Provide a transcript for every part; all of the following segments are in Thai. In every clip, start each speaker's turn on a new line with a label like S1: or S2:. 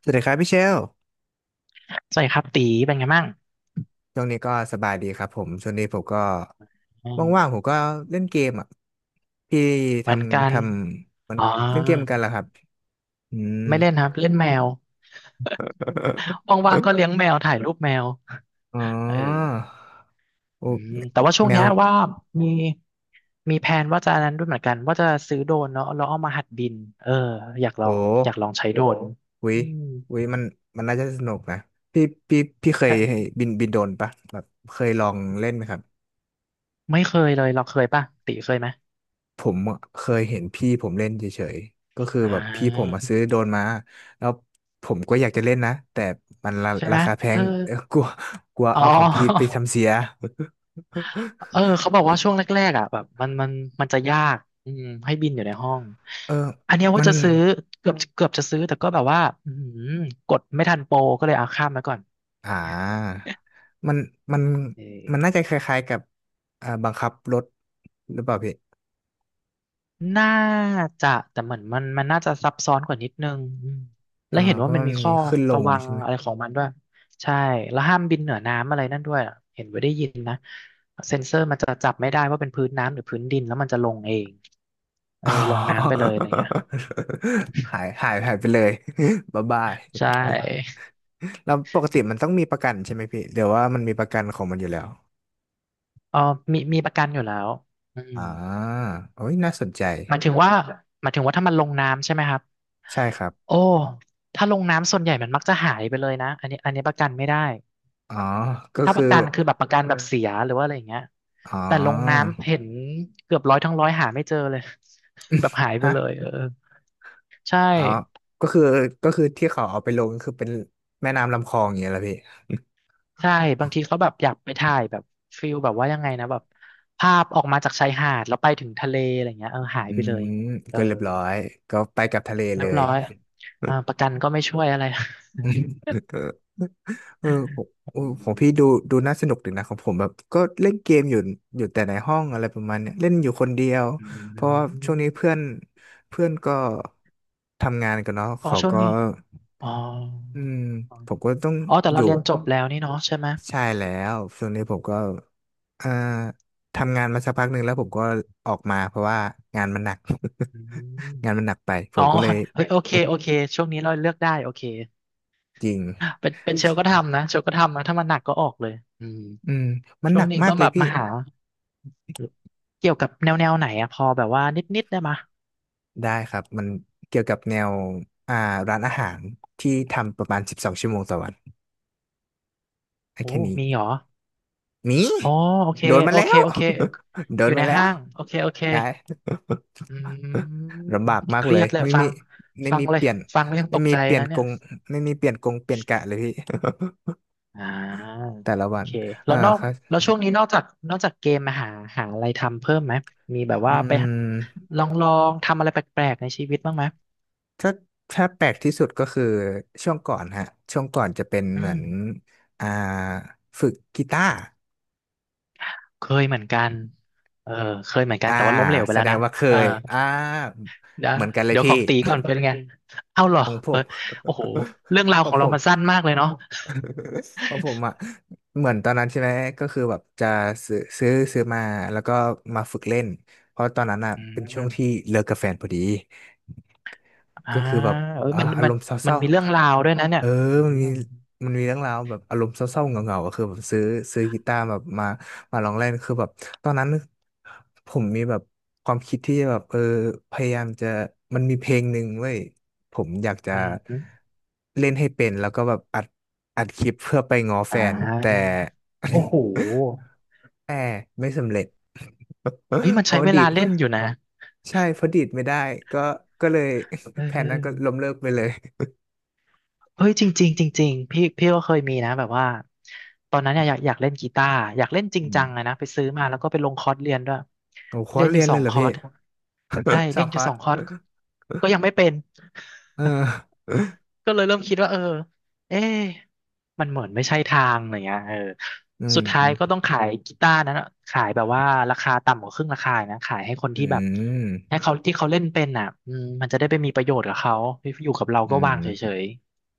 S1: สวัสดีครับพี่เชล
S2: สวัสดีครับตีเป็นไงบ้าง
S1: ช่วงนี้ก็สบายดีครับผมช่วงนี้ผมก็
S2: อื
S1: ว่างๆผ
S2: ม
S1: มก็เล่นเกมอ่ะพี่ท
S2: เหมือนกั
S1: ำท
S2: น
S1: ำมัน
S2: อ๋อ
S1: เล่นเกมเหมือนกันเหรอครับอืม
S2: ไม่เล่นครับเล่นแมวว่างๆก็เลี้ยงแมวถ่ายรูปแมว
S1: อ๋อ
S2: เออ
S1: โอ้
S2: อืมแต่ว่าช่วง
S1: แม
S2: เนี้
S1: ว
S2: ยว่ามีมีแผนว่าจะนั้นด้วยเหมือนกันว่าจะซื้อโดรนเนาะแล้วเอามาหัดบินเอออยากลอ
S1: โอ้
S2: งอยากลองใช้โดรน
S1: หุย
S2: อืม
S1: หุยมันน่าจะสนุกนะพี่พี่เคย
S2: ใช่
S1: บินโดรนปะแบบเคยลองเล่นไหมครับ
S2: ไม่เคยเลยเราเคยป่ะตีเคยไหม
S1: ผมเคยเห็นพี่ผมเล่นเฉยๆ ก็คือ
S2: อ่
S1: แบบพี่ผม
S2: า
S1: มาซื้อโดรนมาแล้วผมก็อยากจะเล่นนะแต่มัน
S2: ใช่
S1: รา
S2: ไหม
S1: คาแพ
S2: เออ
S1: งเอ้อกลัวกลัว
S2: อ๋
S1: เอาของพี่ไป
S2: อ
S1: ทำเสีย
S2: เออ เขาบอกว่าช่วงแรกๆอ่ะแบบมันจะยากอืมให้บินอยู่ในห้อง
S1: เออ
S2: อันเนี้ยว่า
S1: มัน
S2: จะซื้อเกือบจะซื้อแต่ก็แบบว่าอืมกดไม่ทันโปรก็เลยเอาข้ามไว้ก่อน
S1: อ่ามันมัน
S2: เออ
S1: น่าจะคล้ายๆกับบังคับรถหรือเปล่าพี่
S2: น่าจะแต่เหมือนมันน่าจะซับซ้อนกว่านิดนึงอืมแล้วเห็น
S1: เพ
S2: ว่า
S1: ราะ
S2: มัน
S1: มัน
S2: มีข้
S1: มี
S2: อ
S1: ขึ้นล
S2: ระ
S1: ง
S2: วัง
S1: ใช่ไหม
S2: อะไรของมันด้วยใช่แล้วห้ามบินเหนือน้ำอะไรนั่นด้วยอะเห็นไว้ได้ยินนะเซ็นเซอร์มันจะจับไม่ได้ว่าเป็นพื้นน้ำหรือพื้นดินแล้วมันจะลงเองเออ
S1: อ๋อ
S2: ลงน้ำไปเลยอะไรเงี้ย
S1: หายหายหายไปเลย บ๊ายบาย
S2: ใช่
S1: แล้วปกติมันต้องมีประกันใช่ไหมพี่เดี๋ยวว่ามันมีประกันของมันอยู่แล้ว
S2: เออมีประกันอยู่แล้วอืม
S1: อ่าโอ้ยน่าสนใจ
S2: หมัายนถึงว่าหมายถึงว่าถ้ามันลงน้ำใช่ไหมครับ
S1: ใช่ครับ
S2: โอ้ถ้าลงน้ำส่วนใหญ่มันมักจะหายไปเลยนะอันนี้ประกันไม่ได้
S1: อ๋อก็
S2: ถ้าป
S1: คือ
S2: ระกันคือแบบประกันแบบเสียหรือว่าอะไรอย่างเงี้ย
S1: อ๋อ
S2: แต่ลงน้ำเห็นเกือบร้อยทั้งร้อยหาไม่เจอเลย แบบหายไปเลย
S1: ฮะ
S2: เออใช่
S1: อ๋อก็คือก็คือที่เขาเอาไปลงก็คือเป็นแม่น้ำลำคลองอย่างเงี้ยละพี่
S2: ใช่ บางทีเขาแบบอยากไปถ่ายแบบฟิลแบบว่ายังไงนะแบบภาพออกมาจากชายหาดแล้วไปถึงทะเลอะไรเงี้ยเออหา ย
S1: อื
S2: ไปเล
S1: ม
S2: ยเออ
S1: ก็เรียบร้อยก็ไปกับทะเล
S2: เรี
S1: เล
S2: ยบ
S1: ย
S2: ร้อยอ่าประกันก็ไม่ช่วยอะไร
S1: เออผมเออ
S2: อื
S1: ของ
S2: ม
S1: พี่ดูน่าสนุกดีนะของผมแบบก็เล่นเกมอยู่แต่ในห้องอะไรประมาณเนี้ยเล่นอยู่คนเดียว
S2: อื
S1: เพราะว่าช่วงนี้
S2: ม
S1: เพื่อนเพื่อนก็ทำงานกันเนาะ
S2: อ๋อ
S1: เขา
S2: ช่วง
S1: ก็
S2: นี้อ๋อ
S1: อืมผมก็ต้อง
S2: อ๋อแต่
S1: อ
S2: เรา
S1: ยู่
S2: เรียนจบแล้วนี่เนาะใช่ไหม
S1: ใช่แล้วช่วงนี้ผมก็เอ่อทำงานมาสักพักหนึ่งแล้วผมก็ออกมาเพราะว่างานมันหนัก
S2: อืม
S1: งานมันหนักไปผ
S2: อ๋อ
S1: มก็เลย
S2: เฮ้ยโอเคโอเคช่วงนี้เราเลือกได้โอเค
S1: จริง
S2: เป็นเป็นเชลก็ทำนะเชลก็ทำนะถ้ามันหนักก็ออกเลยอืม
S1: อืมมัน
S2: ช่
S1: ห
S2: ว
S1: นั
S2: ง
S1: ก
S2: นี้
S1: มา
S2: ก็
S1: กเล
S2: แบ
S1: ย
S2: บ
S1: พี่
S2: มาหาเกี่ยวกับแนวแนวไหนอะพอแบบว่านิดนิดได้มะ
S1: ได้ครับมันเกี่ยวกับแนวอ่าร้านอาหารที่ทำประมาณ12 ชั่วโมงต่อวันได้
S2: โอ้
S1: แค่นี้
S2: มีเหรอ
S1: หนี่
S2: อ๋อโอเค
S1: โดนมา
S2: โอ
S1: แล้
S2: เค
S1: ว
S2: โอเค
S1: โด
S2: อ
S1: น
S2: ยู่ใน
S1: มาแล้ว
S2: ห้างโอเคโอเค
S1: ได้
S2: อื ม
S1: ลำบากมาก
S2: เค
S1: เล
S2: รีย
S1: ย
S2: ดเลย
S1: ไม่
S2: ฟั
S1: มี
S2: ง
S1: ไม่
S2: ฟัง
S1: มี
S2: เล
S1: เป
S2: ย
S1: ลี่ยน
S2: ฟังแล้วยังต
S1: ไม่
S2: ก
S1: มี
S2: ใจ
S1: เปลี่ยน
S2: นะ
S1: ก
S2: เนี่ย
S1: งไม่มีเปลี่ยนกงเปลี่ยนกะเลยพี่
S2: อ่า
S1: แต่ละ
S2: โอ
S1: วัน
S2: เคแล้วนอก
S1: ครับ
S2: แล้วช่วงนี้นอกจากนอกจากเกมมาหาหาอะไรทำเพิ่มไหมมีแบบ
S1: อื
S2: ว่าไปหา
S1: ม
S2: ลองลองทำอะไรแปลกๆในชีวิตบ้างไหม
S1: ถ้าถ้าแปลกที่สุดก็คือช่วงก่อนฮะช่วงก่อนจะเป็น
S2: อื
S1: เหมือ
S2: ม
S1: นอ่าฝึกกีตาร์
S2: เคยเหมือนกันเออเคยเหมือนกัน
S1: อ่า
S2: แต่ว่าล้มเหลวไป
S1: แส
S2: แล้ว
S1: ดง
S2: นะ
S1: ว่าเค
S2: เออ
S1: ย
S2: เดี๋ยว
S1: เหมือนกันเลย
S2: เดี๋ยวข
S1: พี่
S2: องตีก่อนเป็นไง เอ้าเหร อ
S1: ของผ
S2: เออ
S1: ม
S2: โอ้โหเรื่อง รา
S1: เพ
S2: วขอ
S1: ราะ
S2: ง
S1: ผ
S2: เรา
S1: ม
S2: มันสั้นมากเลยเนาะ
S1: เพราะผมอ่ะเหมือนตอนนั้นใช่ไหมก็คือแบบจะซื้อมาแล้วก็มาฝึกเล่นเพราะตอนนั้นอ่ะ
S2: อื
S1: เป็นช่วงที่
S2: ม
S1: เลิกกับแฟนพอดี
S2: อ่า
S1: ก็คือแบบ
S2: เอ้ยมัน
S1: อา
S2: มั
S1: ร
S2: น
S1: มณ์เศ
S2: มัน
S1: ร้า
S2: มีเรื่องราวด้วยนะ
S1: ๆ
S2: เนี่
S1: เอ
S2: ย
S1: อ
S2: อื
S1: มันมี
S2: ม
S1: มันมีเรื่องราวแบบอารมณ์เศร้าๆเหงาๆก็คือแบบซื้อกีตาร์แบบมาลองเล่นคือแบบตอนนั้นผมมีแบบความคิดที่จะแบบเออพยายามจะมันมีเพลงหนึ่งเว้ยผมอยากจะ
S2: อืมอม
S1: เล่นให้เป็นแล้วก็แบบอัดคลิปเพื่อไปง้อแฟ
S2: อ่
S1: นแต่
S2: าโอ้โห
S1: แต่ไม่สำเร็จ
S2: เฮ้ยมัน
S1: เพ
S2: ใช้
S1: ราะว่า
S2: เว
S1: ดี
S2: ลา
S1: ด
S2: เล่นอยู่นะ
S1: ใช่เพราะดีดไม่ได้ก็ก็เลย
S2: เ
S1: แผนนั้นก็
S2: ออ
S1: ล้มเลิกไปเลย
S2: เฮ้ยจริงๆจริงๆพี่ก็เคยมีนะแบบว่าตอนนั้นเนี่ยอยากเล่นกีตาร์อยากเล่นจริง
S1: อื
S2: จังอะ
S1: ม
S2: นะไปซื้อมาแล้วก็ไปลงคอร์สเรียนด้วย
S1: โอ้คอ
S2: เรี
S1: ร์ส
S2: ยนอ
S1: เรี
S2: ยู่
S1: ยน
S2: ส
S1: เล
S2: อ
S1: ย
S2: ง
S1: เหรอ
S2: คอ
S1: พี่
S2: ร์สใช่
S1: ส
S2: เล่
S1: อ
S2: น
S1: ง
S2: อ
S1: ค
S2: ยู่
S1: อ
S2: ส
S1: ร์
S2: องคอร์ส
S1: ส
S2: ก็ยังไม่เป็น
S1: เออ
S2: ก็เลยเริ่มคิดว่าเออเอ๊ะมันเหมือนไม่ใช่ทางอะไรเงี้ยเออ
S1: อืม
S2: สุดท้ายก็
S1: อ
S2: ต้องขายกีตาร์นั้นอะขายแบบว่าราคาต่ำกว่าครึ่งราคานะขายให้คน
S1: ื
S2: ที่แบบ
S1: ม
S2: ให้เขาที่เขาเล่นเป็นอ่ะอืมมันจะได้ไปมีประโยชน์กับเขาอยู่กับเรา
S1: อื
S2: ก็
S1: ม
S2: วางเฉย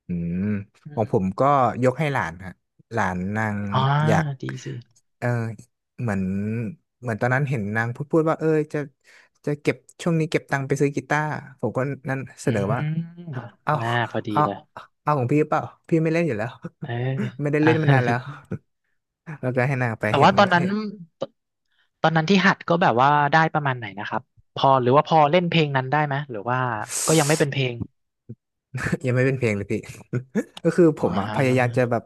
S1: อืม
S2: ๆอื
S1: ของผ
S2: ม
S1: มก็ยกให้หลานฮะหลานนาง
S2: อ๋อ
S1: อยาก
S2: ดีสิ
S1: เออเหมือนเหมือนตอนนั้นเห็นนางพูดว่าเออจะเก็บช่วงนี้เก็บตังค์ไปซื้อกีตาร์ผมก็นั่นเส
S2: อื
S1: นอว่า
S2: ม
S1: เอา
S2: น่าพอดี
S1: เอา
S2: เลย
S1: เอาของพี่เปล่าพี่ไม่เล่นอยู่แล้ว
S2: เออ
S1: ไม่ได้
S2: อ่ะ
S1: เล่นมานานแล้ว แล้วก็ให้นางไป
S2: แต่
S1: เห็
S2: ว่า
S1: น
S2: ตอนนั้
S1: เห็
S2: น
S1: น
S2: ตตอนนั้นที่หัดก็แบบว่าได้ประมาณไหนนะครับพอหรือว่าพอเล่นเพลงนั้นได้ไหมหรือว่าก็ยังไม่เป็นเพลง
S1: ยังไม่เป็นเพลงเลยพี่ ก็คือผ
S2: อ๋
S1: มอะพยายาม
S2: อ
S1: จะแบบ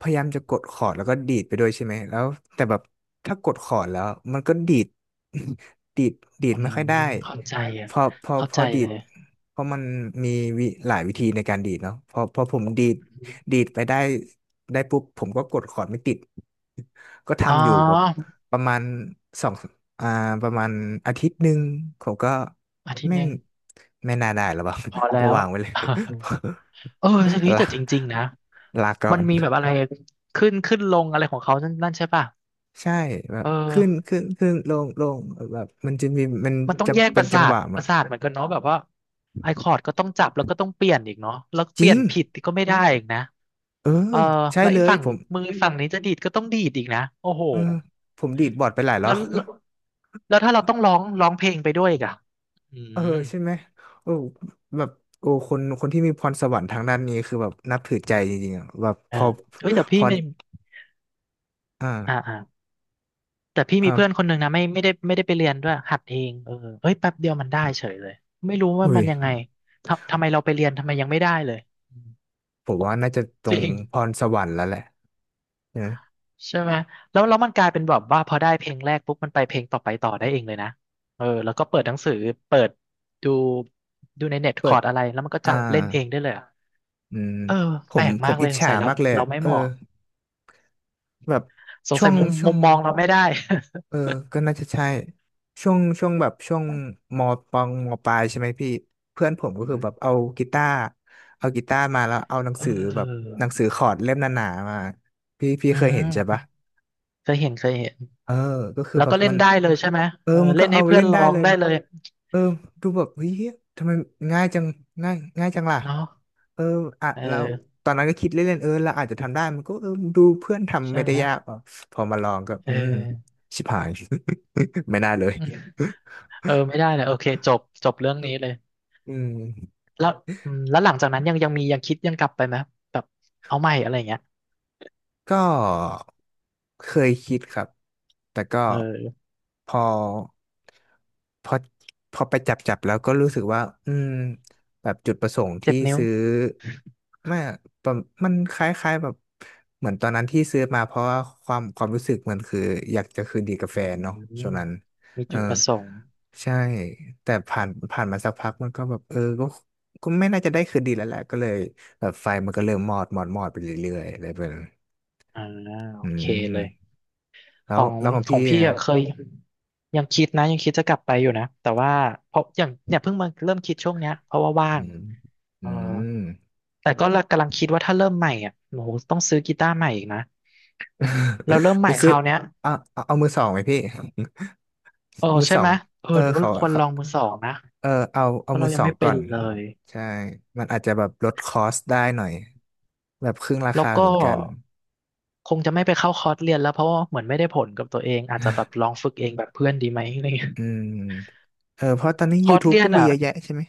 S1: พยายามจะกดคอร์ดแล้วก็ดีดไปด้วยใช่ไหมแล้วแต่แบบถ้ากดคอร์ดแล้วมันก็ดีด ดีดดี
S2: อื
S1: ดไม่
S2: ม
S1: ค่อยได้
S2: เข้าใจอ่ะ
S1: พอพอ
S2: เข้า
S1: พอ
S2: ใจ
S1: ดี
S2: เล
S1: ด
S2: ย
S1: เพราะมันมีหลายวิธีในการดีดเนาะพอผมดีดไปได้ได้ปุ๊บผมก็กดคอร์ดไม่ติด ก็
S2: อ๋อ
S1: ทำอยู่แบบประมาณสองอ่าประมาณอาทิตย์หนึ่งผมก็
S2: อาทิตย์
S1: ไม่
S2: หนึ่ง
S1: ไม่น่าได้หรอเปล่า
S2: พอ แล้
S1: ก็
S2: ว
S1: วางไว้เลย
S2: เออจะนี้ ย
S1: ลา
S2: แต่จริงๆนะ
S1: ลาก่อ
S2: มัน
S1: น
S2: มีแบบอะไรขึ้นลงอะไรของเขานั่นใช่ป่ะ
S1: ใช่แบบ
S2: เออ
S1: ขึ้นขึ้น ขึ้น ลง ลงแบบมัน
S2: มันต้อง
S1: จะ
S2: แยกป
S1: เป็น
S2: ระ
S1: จั
S2: สา
S1: งห
S2: ท
S1: วะ
S2: ป
S1: มัน
S2: ระสาทเหมือนกันเนาะแบบว่าไอคอร์ดก็ต้องจับแล้วก็ต้องเปลี่ยนอีกเนาะแล้ว
S1: จ
S2: เปลี่
S1: ริ
S2: ย
S1: ง
S2: นผิดก็ไม่ได้อีกนะ
S1: เออ
S2: เออ
S1: ใช่
S2: แล้ว
S1: เล
S2: ไอ้
S1: ย
S2: ฝั่ง
S1: ผม
S2: มือฝั่งนี้จะดีดก็ต้องดีดอีกนะโอ้โห
S1: เออผมดีดบอร์ดไปหลายร
S2: แล้
S1: อบ
S2: วแล้ วแล้วถ้าเราต้องร้องร้องเพลงไปด้วยอีกอะอื
S1: เออ
S2: ม
S1: ใช่ไหมโอ้แบบโอ้คนที่มีพรสวรรค์ทางด้านนี้ คือแบบนับถือใจจริงๆอะแบบพ
S2: เอ
S1: อ
S2: อเฮ้ยแต่
S1: พ
S2: พี่
S1: อ
S2: ไม่อ่า
S1: อ่า
S2: อ่าแต่พี่มีเพื่อน
S1: อ่า
S2: คนหนึ่งนะไม่ได้ไปเรียนด้วยหัดเองเออเฮ้ยแป๊บเดียวมันได้เฉยเลยไม่รู้ว่า
S1: อุ้
S2: มั
S1: ย
S2: นยังไงทำไมเราไปเรียนทำไมยังไม่ได้เลยอืม
S1: ผมว่าน่าจะตร
S2: จริ
S1: ง
S2: ง
S1: พรสวรรค์แล้วแหละนะ
S2: ใช่ไหมแล้วมันกลายเป็นแบบว่าพอได้เพลงแรกปุ๊บมันไปเพลงต่อไปต่อได้เองเลยนะเออแล้วก็เปิดหนังสือเปิดดูดูในเน็ตค
S1: เปิ
S2: อ
S1: ด
S2: ร์ดอะไรแล้วมันก็
S1: อ่า
S2: จับเล่นเองได้เลยอะ
S1: อืม
S2: เออ
S1: ผ
S2: แปล
S1: ม
S2: ก
S1: ผ
S2: มา
S1: ม
S2: กเล
S1: อิ
S2: ย
S1: จ
S2: สง
S1: ฉา
S2: สัยเรา
S1: มากเลย
S2: เราไม่
S1: เออ
S2: เหมาะ
S1: แบบ
S2: สง
S1: ช่ว
S2: สัย
S1: ง
S2: มุม
S1: ช่ว
S2: มุ
S1: ง
S2: มมองเราไม่ได้
S1: เออก็น่าจะใช่ช่วงช่วงแบบช่วงมมปลายใช่ไหมพี่เพื่อนผมก็
S2: อื
S1: คือแบบ
S2: ม
S1: กีตาร์เอากีตาร์มาแล้วเอาหนัง
S2: เ
S1: สือแบบ
S2: ออ
S1: หนังสือคอร์ดเล่มหนาๆมาพี่
S2: อื
S1: เคย
S2: ม
S1: เห็นใช่ปะ
S2: เคยเห็นเคยเห็น
S1: เออก็คือ
S2: แล้ว
S1: แบ
S2: ก็
S1: บ
S2: เล่นได้เลยใช่ไหมเออ
S1: มันก็
S2: เล่นให้
S1: เอา
S2: เพื่อ
S1: เล่
S2: น
S1: น
S2: ร้
S1: ได้
S2: อง
S1: เลย
S2: ได้เลย
S1: เออดูแบบเฮ้ยทำไมง่ายจังง่ายง่ายจังล่ะ
S2: เนาะ
S1: เอออ่ะ
S2: เ
S1: เรา
S2: ออ
S1: ตอนนั้นก็คิดเล่นๆเออเราอาจจะทำได้ มันก็เออดูเพื่อนทำ
S2: ใช่
S1: ไม่ได้
S2: ไหม
S1: ยากอ่ะพอมาลองก็
S2: เ
S1: อืม
S2: ออ
S1: ชิบหาย ไม่น่าเลย
S2: เออไม่ได้เลยโอเคจบจบเรื่องนี้เลย
S1: อืม
S2: แล้วอืมแล้วหลังจากนั้นยังมียังคิดยังกลับไปไหมแบบเอาใหม่อะไรอย่างเงี้ย
S1: ก็เคยคิดครับแต่ก็
S2: เออ
S1: พอพอพอไปจับแล้วก็รู้สึกว่าอืมแบบจุดประสงค์
S2: เจ็
S1: ที่
S2: บนิ้ว
S1: ซื้อไม่ประมันคล้ายๆแบบเหมือนตอนนั้นที่ซื้อมาเพราะว่าความรู้สึกมันคืออยากจะคืนดีกับ
S2: อื
S1: แฟนเนาะช่วง
S2: ม
S1: นั้น
S2: มี
S1: เออ
S2: จุดประสงค์
S1: ใช่ แต่ผ่านมาสักพักมันก็แบบเออก็ไม่น่าจะได้คืนดีแล้วแหละก็เลยแบบไฟมันก็เริ่มมอดมอดมอดไปเรื่อยๆอะไรแบบนั้น
S2: อ่าโอ
S1: อื
S2: เคเลย
S1: มแล้
S2: ขอ
S1: ว
S2: ง
S1: แล้วของ
S2: ขอ
S1: พี่
S2: งพี่
S1: อะ
S2: อะเคยยังคิดนะยังคิดจะกลับไปอยู่นะแต่ว่าเพราะอย่างเนี่ยเพิ่งมาเริ่มคิดช่วงเนี้ยเพราะว่าว่า
S1: อื
S2: ง
S1: ม
S2: เอ
S1: อื
S2: อ
S1: ม
S2: แต่ก็กำลังคิดว่าถ้าเริ่มใหม่อ่ะโอ้โหต้องซื้อกีตาร์ใหม่อีกนะเราเริ่ม ให
S1: ไป
S2: ม่ค
S1: ซื้อ
S2: ราวเนี้ย
S1: เอามือสองไหมพี่
S2: เออ
S1: มือ
S2: ใช่
S1: สอ
S2: ไหม
S1: ง
S2: เออ
S1: เออ
S2: หรือว่า
S1: เขา
S2: เราควร
S1: เขา
S2: ลองมือสองนะ
S1: เออเอา
S2: เพ
S1: เอา
S2: ราะ
S1: มื
S2: เรา
S1: อ
S2: ยั
S1: ส
S2: ง
S1: อง
S2: ไม่เป็
S1: ก่อ
S2: น
S1: น
S2: เลย
S1: ใช่มันอาจจะแบบลดคอสได้หน่อยแบบครึ่งรา
S2: แล้ว
S1: คาเห
S2: ก็
S1: มือนกัน
S2: คงจะไม่ไปเข้าคอร์สเรียนแล้วเพราะว่าเหมือนไม่ได้ผลกับตัวเองอาจจะแบบลองฝึกเองแบบเพื่อนดีไหมอะไรเงี้ย
S1: อืมเออเพราะตอนนี้
S2: คอร์ส
S1: YouTube
S2: เรีย
S1: ก็
S2: น
S1: มี
S2: อ่ะ
S1: เยอะแยะใช่ไหม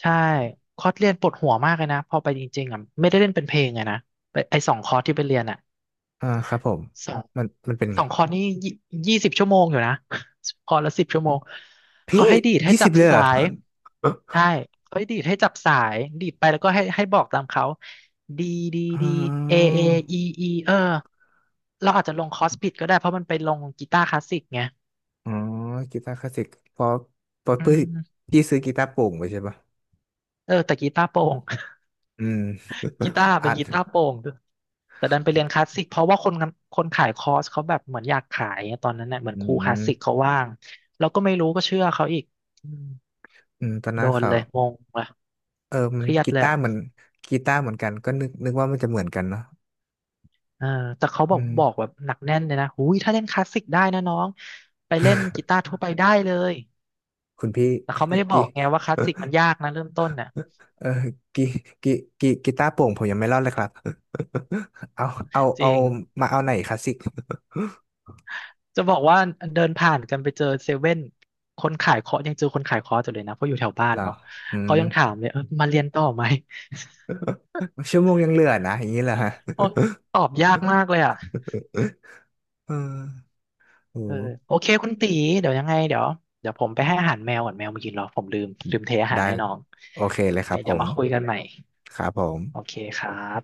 S2: ใช่คอร์สเรียนปวดหัวมากเลยนะพอไปจริงๆอ่ะไม่ได้เล่นเป็นเพลงไงนะไปไอสองคอร์สที่ไปเรียนอ่ะ
S1: อ่าครับผม
S2: สอง
S1: มันเป็น
S2: ส
S1: ไง
S2: องคอร์สนี่20 ชั่วโมงอยู่นะ คอร์สละ10 ชั่วโมงเขา
S1: พี่
S2: ให้ดีดให้
S1: ยี่
S2: จั
S1: สิบ
S2: บ
S1: เลยเหร
S2: สา
S1: อ
S2: ยใช่เขาให้ดีดให้จับสายดีดไปแล้วก็ให้ให้บอกตามเขาดีดี
S1: อ๋
S2: ดีเอ
S1: อ
S2: เออีอีเออเราอาจจะลงคอร์สผิดก็ได้เพราะมันไปลงกีตาร์คลาสสิกไง
S1: อ๋อกีตาร์คลาสสิกเพราะ
S2: อื
S1: พี่
S2: ม
S1: พี่ซื้อกีตาร์โปร่งไปใช่ปะ
S2: เออแต่กีตาร์โปร่ง
S1: อืม
S2: กีตา ร์
S1: อั
S2: เป็น
S1: ด
S2: กีตาร์โปร่งด้วยแต่ดันไปเรียนคลาสสิกเพราะว่าคนคนขายคอร์สเขาแบบเหมือนอยากขายงตอนนั้นเนี่ยเหมือน
S1: อื
S2: ครูคลาสสิกเขา
S1: ม
S2: ว่างเราก็ไม่รู้ก็เชื่อเขาอีกอืม
S1: อืมตอน
S2: โด
S1: นั้น
S2: น
S1: เขา
S2: เลยงงเลย
S1: เออ
S2: เค
S1: มัน
S2: รียดเลยอะ
S1: กีตาร์เหมือนกันก็นึกว่ามันจะเหมือนกันเนาะ
S2: เออแต่เขาบ
S1: อื
S2: อกบอก
S1: ม
S2: แบบหนักแน่นเลยนะหุยถ้าเล่นคลาสสิกได้นะน้องไปเล่นกีตาร์ทั่วไปได้เลย
S1: คุณพี่
S2: แต่เขาไม่ ได้บ
S1: กี
S2: อกไงว่าคลาสสิกมันยากนะเริ่มต้นน่ะ
S1: เออกีกีกีกีตาร์โปร่งผมยังไม่รอดเลยครับ เอา
S2: จ
S1: เอา
S2: ริง
S1: มาเอาไหนคลาสสิก
S2: จะบอกว่าเดินผ่านกันไปเจอเซเว่นคนขายเคาะยังเจอคนขายเคาะอยู่เลยนะเพราะอยู่แถวบ้า
S1: เห
S2: น
S1: รอ
S2: เนาะ
S1: อื
S2: เขา
S1: ม
S2: ยังถามเลยเออมาเรียนต่อไหม
S1: ชั่วโมงยังเหลือนะอย่างนี้เหรอฮะ
S2: โอ้ ตอบยากมากเลยอ่ะ
S1: เออโอ้
S2: เออโอเคคุณตีเดี๋ยวยังไงเดี๋ยวเดี๋ยวผมไปให้อาหารแมวก่อนแมวมากินเหรอผมลืมเทอาหาร
S1: ได้
S2: ให้น้อง
S1: โอเคเลย
S2: ยั
S1: ค
S2: ง
S1: รั
S2: ไง
S1: บผ
S2: เดี๋ยว
S1: ม
S2: มาคุยกันใหม่
S1: ครับผ
S2: โอ
S1: ม
S2: เคครับ